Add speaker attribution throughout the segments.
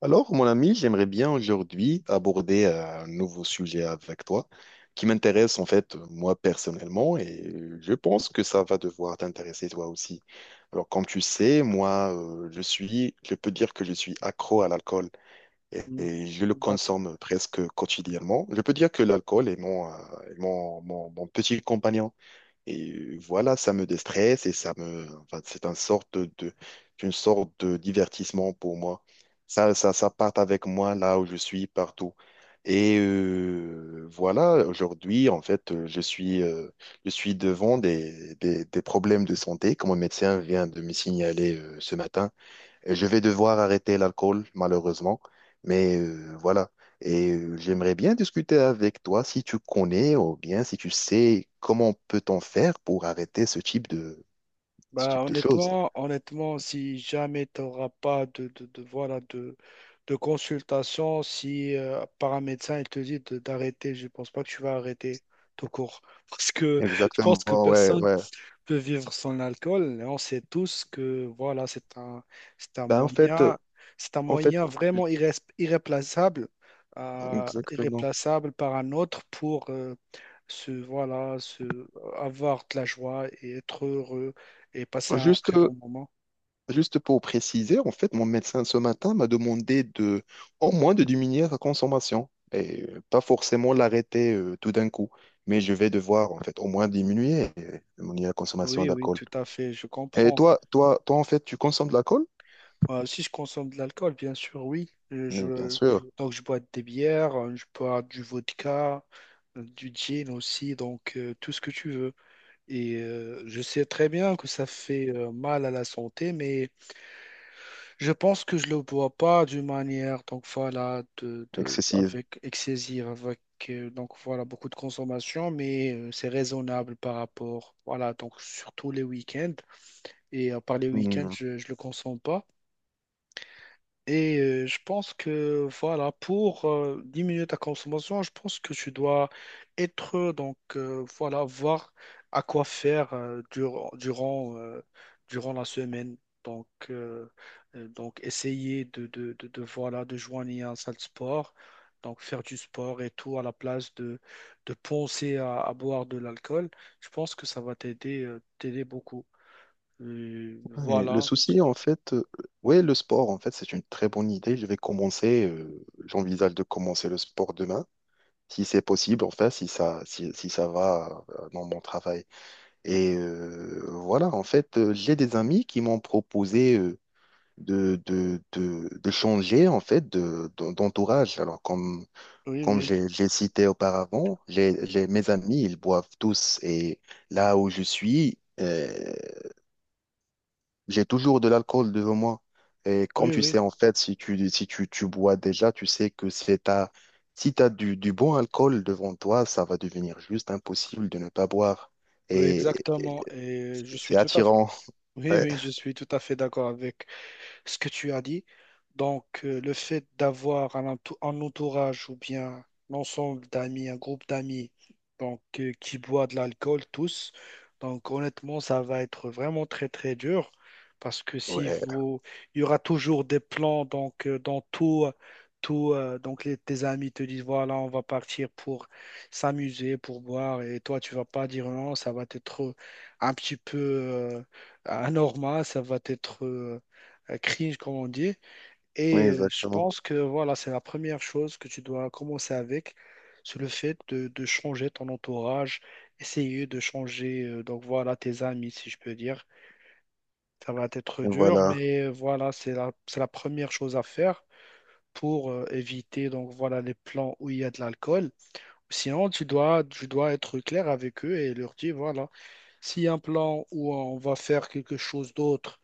Speaker 1: Alors, mon ami, j'aimerais bien aujourd'hui aborder un nouveau sujet avec toi qui m'intéresse en fait moi personnellement, et je pense que ça va devoir t'intéresser toi aussi. Alors, comme tu sais, moi, je peux dire que je suis accro à l'alcool et,
Speaker 2: Mm.
Speaker 1: et je le
Speaker 2: D'accord.
Speaker 1: consomme presque quotidiennement. Je peux dire que l'alcool est est mon petit compagnon. Et voilà, ça me déstresse et ça me, enfin, c'est une sorte une sorte de divertissement pour moi. Ça, ça part avec moi là où je suis, partout. Et voilà, aujourd'hui, en fait, je suis devant des problèmes de santé, comme mon médecin vient de me signaler ce matin. Et je vais devoir arrêter l'alcool, malheureusement. Mais voilà. Et j'aimerais bien discuter avec toi si tu connais ou bien si tu sais comment peut-on faire pour arrêter ce type de ce
Speaker 2: Bah,
Speaker 1: type de choses.
Speaker 2: honnêtement, si jamais tu n'auras pas de consultation, si par un médecin il te dit d'arrêter, je ne pense pas que tu vas arrêter tout court. Parce que je pense
Speaker 1: Exactement,
Speaker 2: que
Speaker 1: ouais,
Speaker 2: personne
Speaker 1: ouais.
Speaker 2: peut vivre sans l'alcool. Et on sait tous que voilà, c'est un
Speaker 1: Ben,
Speaker 2: moyen, c'est un
Speaker 1: en fait,
Speaker 2: moyen vraiment irréplaçable,
Speaker 1: exactement.
Speaker 2: irréplaçable par un autre pour se, voilà, se, avoir de la joie et être heureux et passer un
Speaker 1: Juste,
Speaker 2: très bon moment.
Speaker 1: Juste pour préciser, en fait, mon médecin ce matin m'a demandé de au moins de diminuer sa consommation et pas forcément l'arrêter tout d'un coup, mais je vais devoir en fait au moins diminuer mon la consommation
Speaker 2: Oui, oui,
Speaker 1: d'alcool.
Speaker 2: tout à fait, je
Speaker 1: Et
Speaker 2: comprends.
Speaker 1: toi en fait, tu consommes de l'alcool?
Speaker 2: Si je consomme de l'alcool, bien sûr, oui.
Speaker 1: Mais bien sûr,
Speaker 2: Donc, je bois des bières, je bois du vodka, du gin aussi, donc tout ce que tu veux. Et je sais très bien que ça fait mal à la santé, mais je pense que je le bois pas d'une manière, donc voilà,
Speaker 1: excessive.
Speaker 2: avec excessive, avec donc voilà beaucoup de consommation, mais c'est raisonnable par rapport, voilà, donc surtout les week-ends. Et à part les week-ends,
Speaker 1: Hmm.
Speaker 2: je le consomme pas. Et je pense que voilà, pour diminuer ta consommation, je pense que tu dois être, donc voilà, voir à quoi faire durant la semaine. Donc, euh, donc essayer voilà, de joindre un salle de sport, donc faire du sport et tout, à la place de penser à boire de l'alcool. Je pense que ça va t'aider t'aider beaucoup.
Speaker 1: Et le
Speaker 2: Voilà.
Speaker 1: souci en fait, ouais, le sport en fait, c'est une très bonne idée. Je vais commencer, j'envisage de commencer le sport demain, si c'est possible, enfin, si ça va dans mon travail. Et voilà, en fait, j'ai des amis qui m'ont proposé de changer en fait d'entourage. Alors, comme,
Speaker 2: Oui,
Speaker 1: comme
Speaker 2: oui,
Speaker 1: j'ai cité auparavant, mes amis, ils boivent tous. Et là où je suis, j'ai toujours de l'alcool devant moi. Et comme
Speaker 2: oui,
Speaker 1: tu
Speaker 2: oui,
Speaker 1: sais, en fait, si tu, si tu, tu bois déjà, tu sais que c'est ta, si tu as du bon alcool devant toi, ça va devenir juste impossible de ne pas boire.
Speaker 2: oui,
Speaker 1: Et
Speaker 2: Exactement. Et je suis
Speaker 1: c'est
Speaker 2: tout à fait,
Speaker 1: attirant.
Speaker 2: oui, oui, je suis tout à fait d'accord avec ce que tu as dit. Donc, le fait d'avoir un, un entourage ou bien l'ensemble d'amis, un groupe d'amis, donc qui boit de l'alcool tous, donc honnêtement, ça va être vraiment très très dur parce que si
Speaker 1: Ouais,
Speaker 2: vous, il y aura toujours des plans donc dans tout. Tout, donc tes amis te disent voilà on va partir pour s'amuser pour boire et toi tu vas pas dire non, ça va être un petit peu anormal, ça va être cringe, comme on dit. Et je
Speaker 1: exactement.
Speaker 2: pense que voilà, c'est la première chose que tu dois commencer avec, c'est le fait de changer ton entourage, essayer de changer donc voilà tes amis, si je peux dire. Ça va être
Speaker 1: Et
Speaker 2: dur,
Speaker 1: voilà.
Speaker 2: mais voilà, c'est la première chose à faire pour éviter donc voilà les plans où il y a de l'alcool. Sinon, tu dois être clair avec eux et leur dire voilà, s'il y a un plan où on va faire quelque chose d'autre,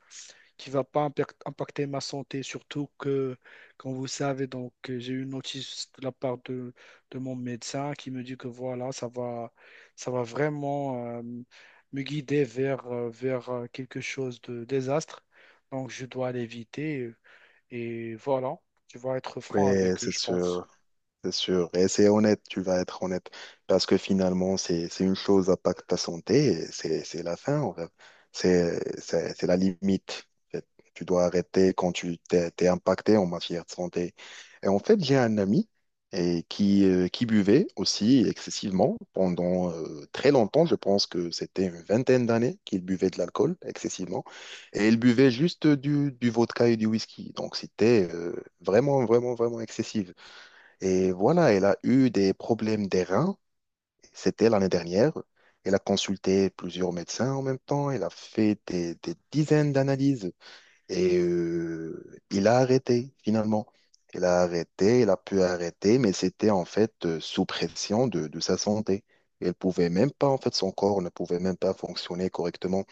Speaker 2: qui va pas impacter ma santé, surtout que, comme vous savez, donc j'ai eu une notice de la part de mon médecin qui me dit que voilà, ça va vraiment me guider vers, vers quelque chose de désastre. Donc je dois l'éviter et voilà, tu vas être franc
Speaker 1: Ouais,
Speaker 2: avec eux,
Speaker 1: c'est
Speaker 2: je pense.
Speaker 1: sûr. C'est sûr, et c'est honnête, tu vas être honnête, parce que finalement, c'est une chose à pas que ta santé, et c'est la fin, en fait. C'est la limite. En fait. Tu dois arrêter quand tu t'es impacté en matière de santé. Et en fait, j'ai un ami et qui buvait aussi excessivement pendant très longtemps. Je pense que c'était une vingtaine d'années qu'il buvait de l'alcool excessivement, et il buvait juste du vodka et du whisky. Donc c'était vraiment vraiment vraiment excessif. Et voilà, elle a eu des problèmes des reins. C'était l'année dernière. Elle a consulté plusieurs médecins en même temps. Elle a fait des dizaines d'analyses. Et il a arrêté, finalement. Elle a arrêté, elle a pu arrêter, mais c'était en fait sous pression de sa santé. Elle pouvait même pas, en fait, son corps ne pouvait même pas fonctionner correctement.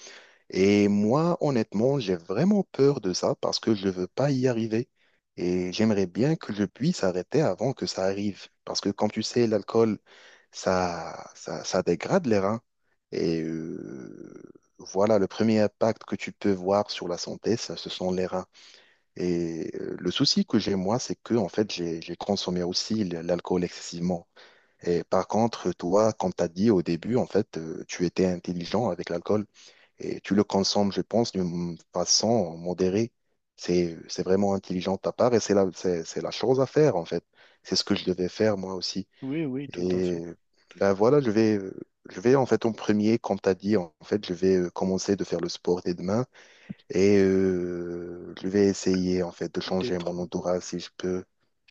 Speaker 1: Et moi, honnêtement, j'ai vraiment peur de ça parce que je veux pas y arriver. Et j'aimerais bien que je puisse arrêter avant que ça arrive. Parce que, comme tu sais, l'alcool, ça dégrade les reins. Et voilà, le premier impact que tu peux voir sur la santé, ça, ce sont les reins. Et le souci que j'ai, moi, c'est que, en fait, j'ai consommé aussi l'alcool excessivement. Et par contre, toi, comme tu as dit au début, en fait, tu étais intelligent avec l'alcool. Et tu le consommes, je pense, d'une façon modérée. C'est vraiment intelligent de ta part et c'est c'est la chose à faire, en fait. C'est ce que je devais faire, moi aussi.
Speaker 2: Oui, oui, tout à
Speaker 1: Et
Speaker 2: fait.
Speaker 1: ben voilà, je vais, en fait, en premier, comme tu as dit, en fait, je vais commencer de faire le sport dès demain et je vais essayer, en fait, de changer
Speaker 2: D'être
Speaker 1: mon entourage si je peux.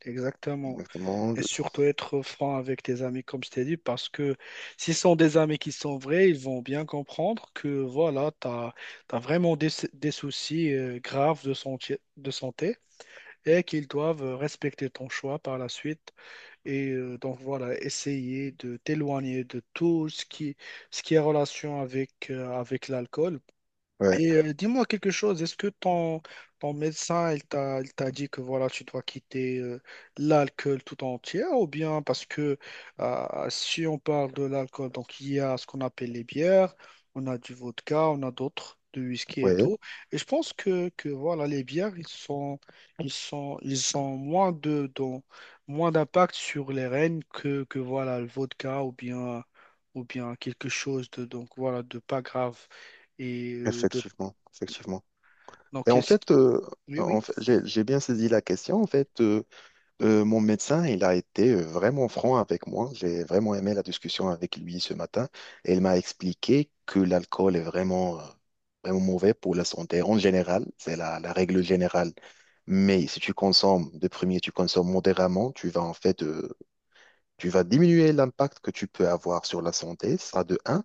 Speaker 2: exactement.
Speaker 1: Exactement.
Speaker 2: Et
Speaker 1: De-
Speaker 2: surtout être franc avec tes amis, comme je t'ai dit, parce que s'ils sont des amis qui sont vrais, ils vont bien comprendre que voilà, tu as vraiment des soucis graves de santé et qu'ils doivent respecter ton choix par la suite. Et donc voilà, essayer de t'éloigner de tout ce qui est relation avec, avec l'alcool
Speaker 1: Ouais,
Speaker 2: et dis-moi quelque chose, est-ce que ton médecin, il t'a dit que voilà, tu dois quitter l'alcool tout entier, ou bien parce que si on parle de l'alcool, donc il y a ce qu'on appelle les bières, on a du vodka, on a d'autres, du whisky et
Speaker 1: ouais,
Speaker 2: tout. Et je pense que voilà, les bières, ils sont, ils sont, ils ont moins moins d'impact sur les reins que voilà, le vodka ou bien quelque chose de, donc voilà, de pas grave et de
Speaker 1: effectivement, effectivement. Et
Speaker 2: donc, Oui, oui.
Speaker 1: en fait, j'ai bien saisi la question, en fait. Mon médecin, il a été vraiment franc avec moi. J'ai vraiment aimé la discussion avec lui ce matin. Et il m'a expliqué que l'alcool est vraiment mauvais pour la santé en général. C'est la règle générale. Mais si tu consommes, de premier, tu consommes modérément, tu vas en fait, tu vas diminuer l'impact que tu peux avoir sur la santé, ça de un.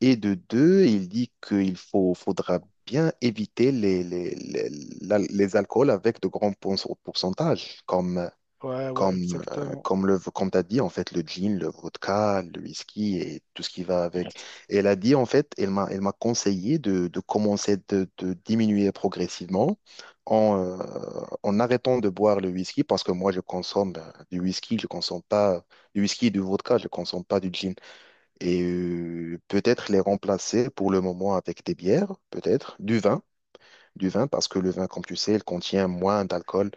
Speaker 1: Et de deux, il dit faudra bien éviter les, les alcools avec de grands pourcentages, comme
Speaker 2: Ouais, ouais, exactement.
Speaker 1: comme t'as dit, en fait, le gin, le vodka, le whisky et tout ce qui va avec. Et elle a dit, en fait, elle m'a conseillé de commencer de diminuer progressivement en, euh, en arrêtant de boire le whisky parce que moi, je consomme du whisky, je consomme pas du whisky et du vodka, je consomme pas du gin. Et peut-être les remplacer pour le moment avec des bières, peut-être, du vin. Du vin, parce que le vin, comme tu sais, il contient moins d'alcool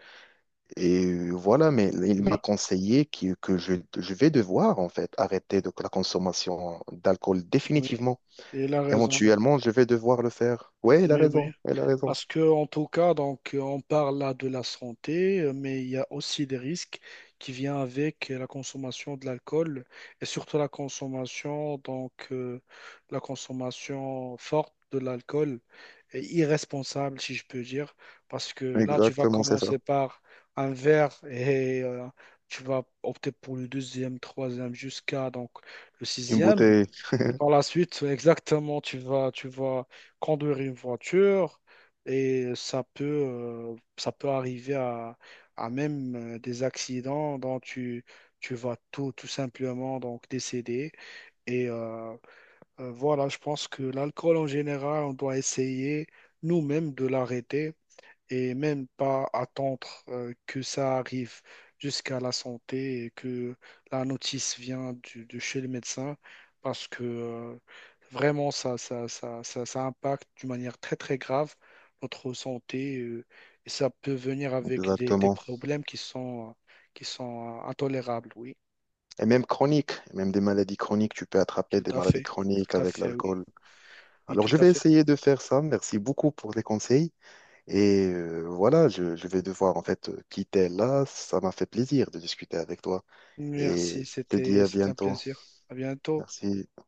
Speaker 1: et voilà, mais il m'a
Speaker 2: Oui,
Speaker 1: conseillé que je vais devoir, en fait, arrêter de la consommation d'alcool
Speaker 2: oui.
Speaker 1: définitivement.
Speaker 2: Et il a raison.
Speaker 1: Éventuellement, je vais devoir le faire. Ouais, il a
Speaker 2: Oui, oui.
Speaker 1: raison, il a raison.
Speaker 2: Parce que, en tout cas, donc, on parle là de la santé, mais il y a aussi des risques qui viennent avec la consommation de l'alcool et surtout la consommation, donc, la consommation forte de l'alcool et irresponsable, si je peux dire. Parce que là, tu vas
Speaker 1: Exactement, c'est ça.
Speaker 2: commencer par un verre et tu vas opter pour le deuxième, troisième, jusqu'à donc le
Speaker 1: Une
Speaker 2: sixième.
Speaker 1: bouteille,
Speaker 2: Et par la suite, exactement, tu vas conduire une voiture et ça peut arriver à même des accidents dont tu vas tout, tout simplement donc décéder. Et voilà, je pense que l'alcool en général, on doit essayer nous-mêmes de l'arrêter et même pas attendre que ça arrive jusqu'à la santé et que la notice vient de chez le médecin parce que vraiment ça impacte d'une manière très très grave notre santé et ça peut venir avec des
Speaker 1: exactement.
Speaker 2: problèmes qui sont intolérables, oui,
Speaker 1: Et même chronique, même des maladies chroniques, tu peux attraper
Speaker 2: tout
Speaker 1: des
Speaker 2: à
Speaker 1: maladies
Speaker 2: fait,
Speaker 1: chroniques
Speaker 2: tout à
Speaker 1: avec
Speaker 2: fait, oui,
Speaker 1: l'alcool.
Speaker 2: oui,
Speaker 1: Alors,
Speaker 2: tout
Speaker 1: je
Speaker 2: à
Speaker 1: vais
Speaker 2: fait.
Speaker 1: essayer de faire ça. Merci beaucoup pour les conseils. Et voilà, je vais devoir, en fait, quitter là. Ça m'a fait plaisir de discuter avec toi. Et
Speaker 2: Merci,
Speaker 1: je te dis à
Speaker 2: c'était un
Speaker 1: bientôt.
Speaker 2: plaisir. À bientôt.
Speaker 1: Merci.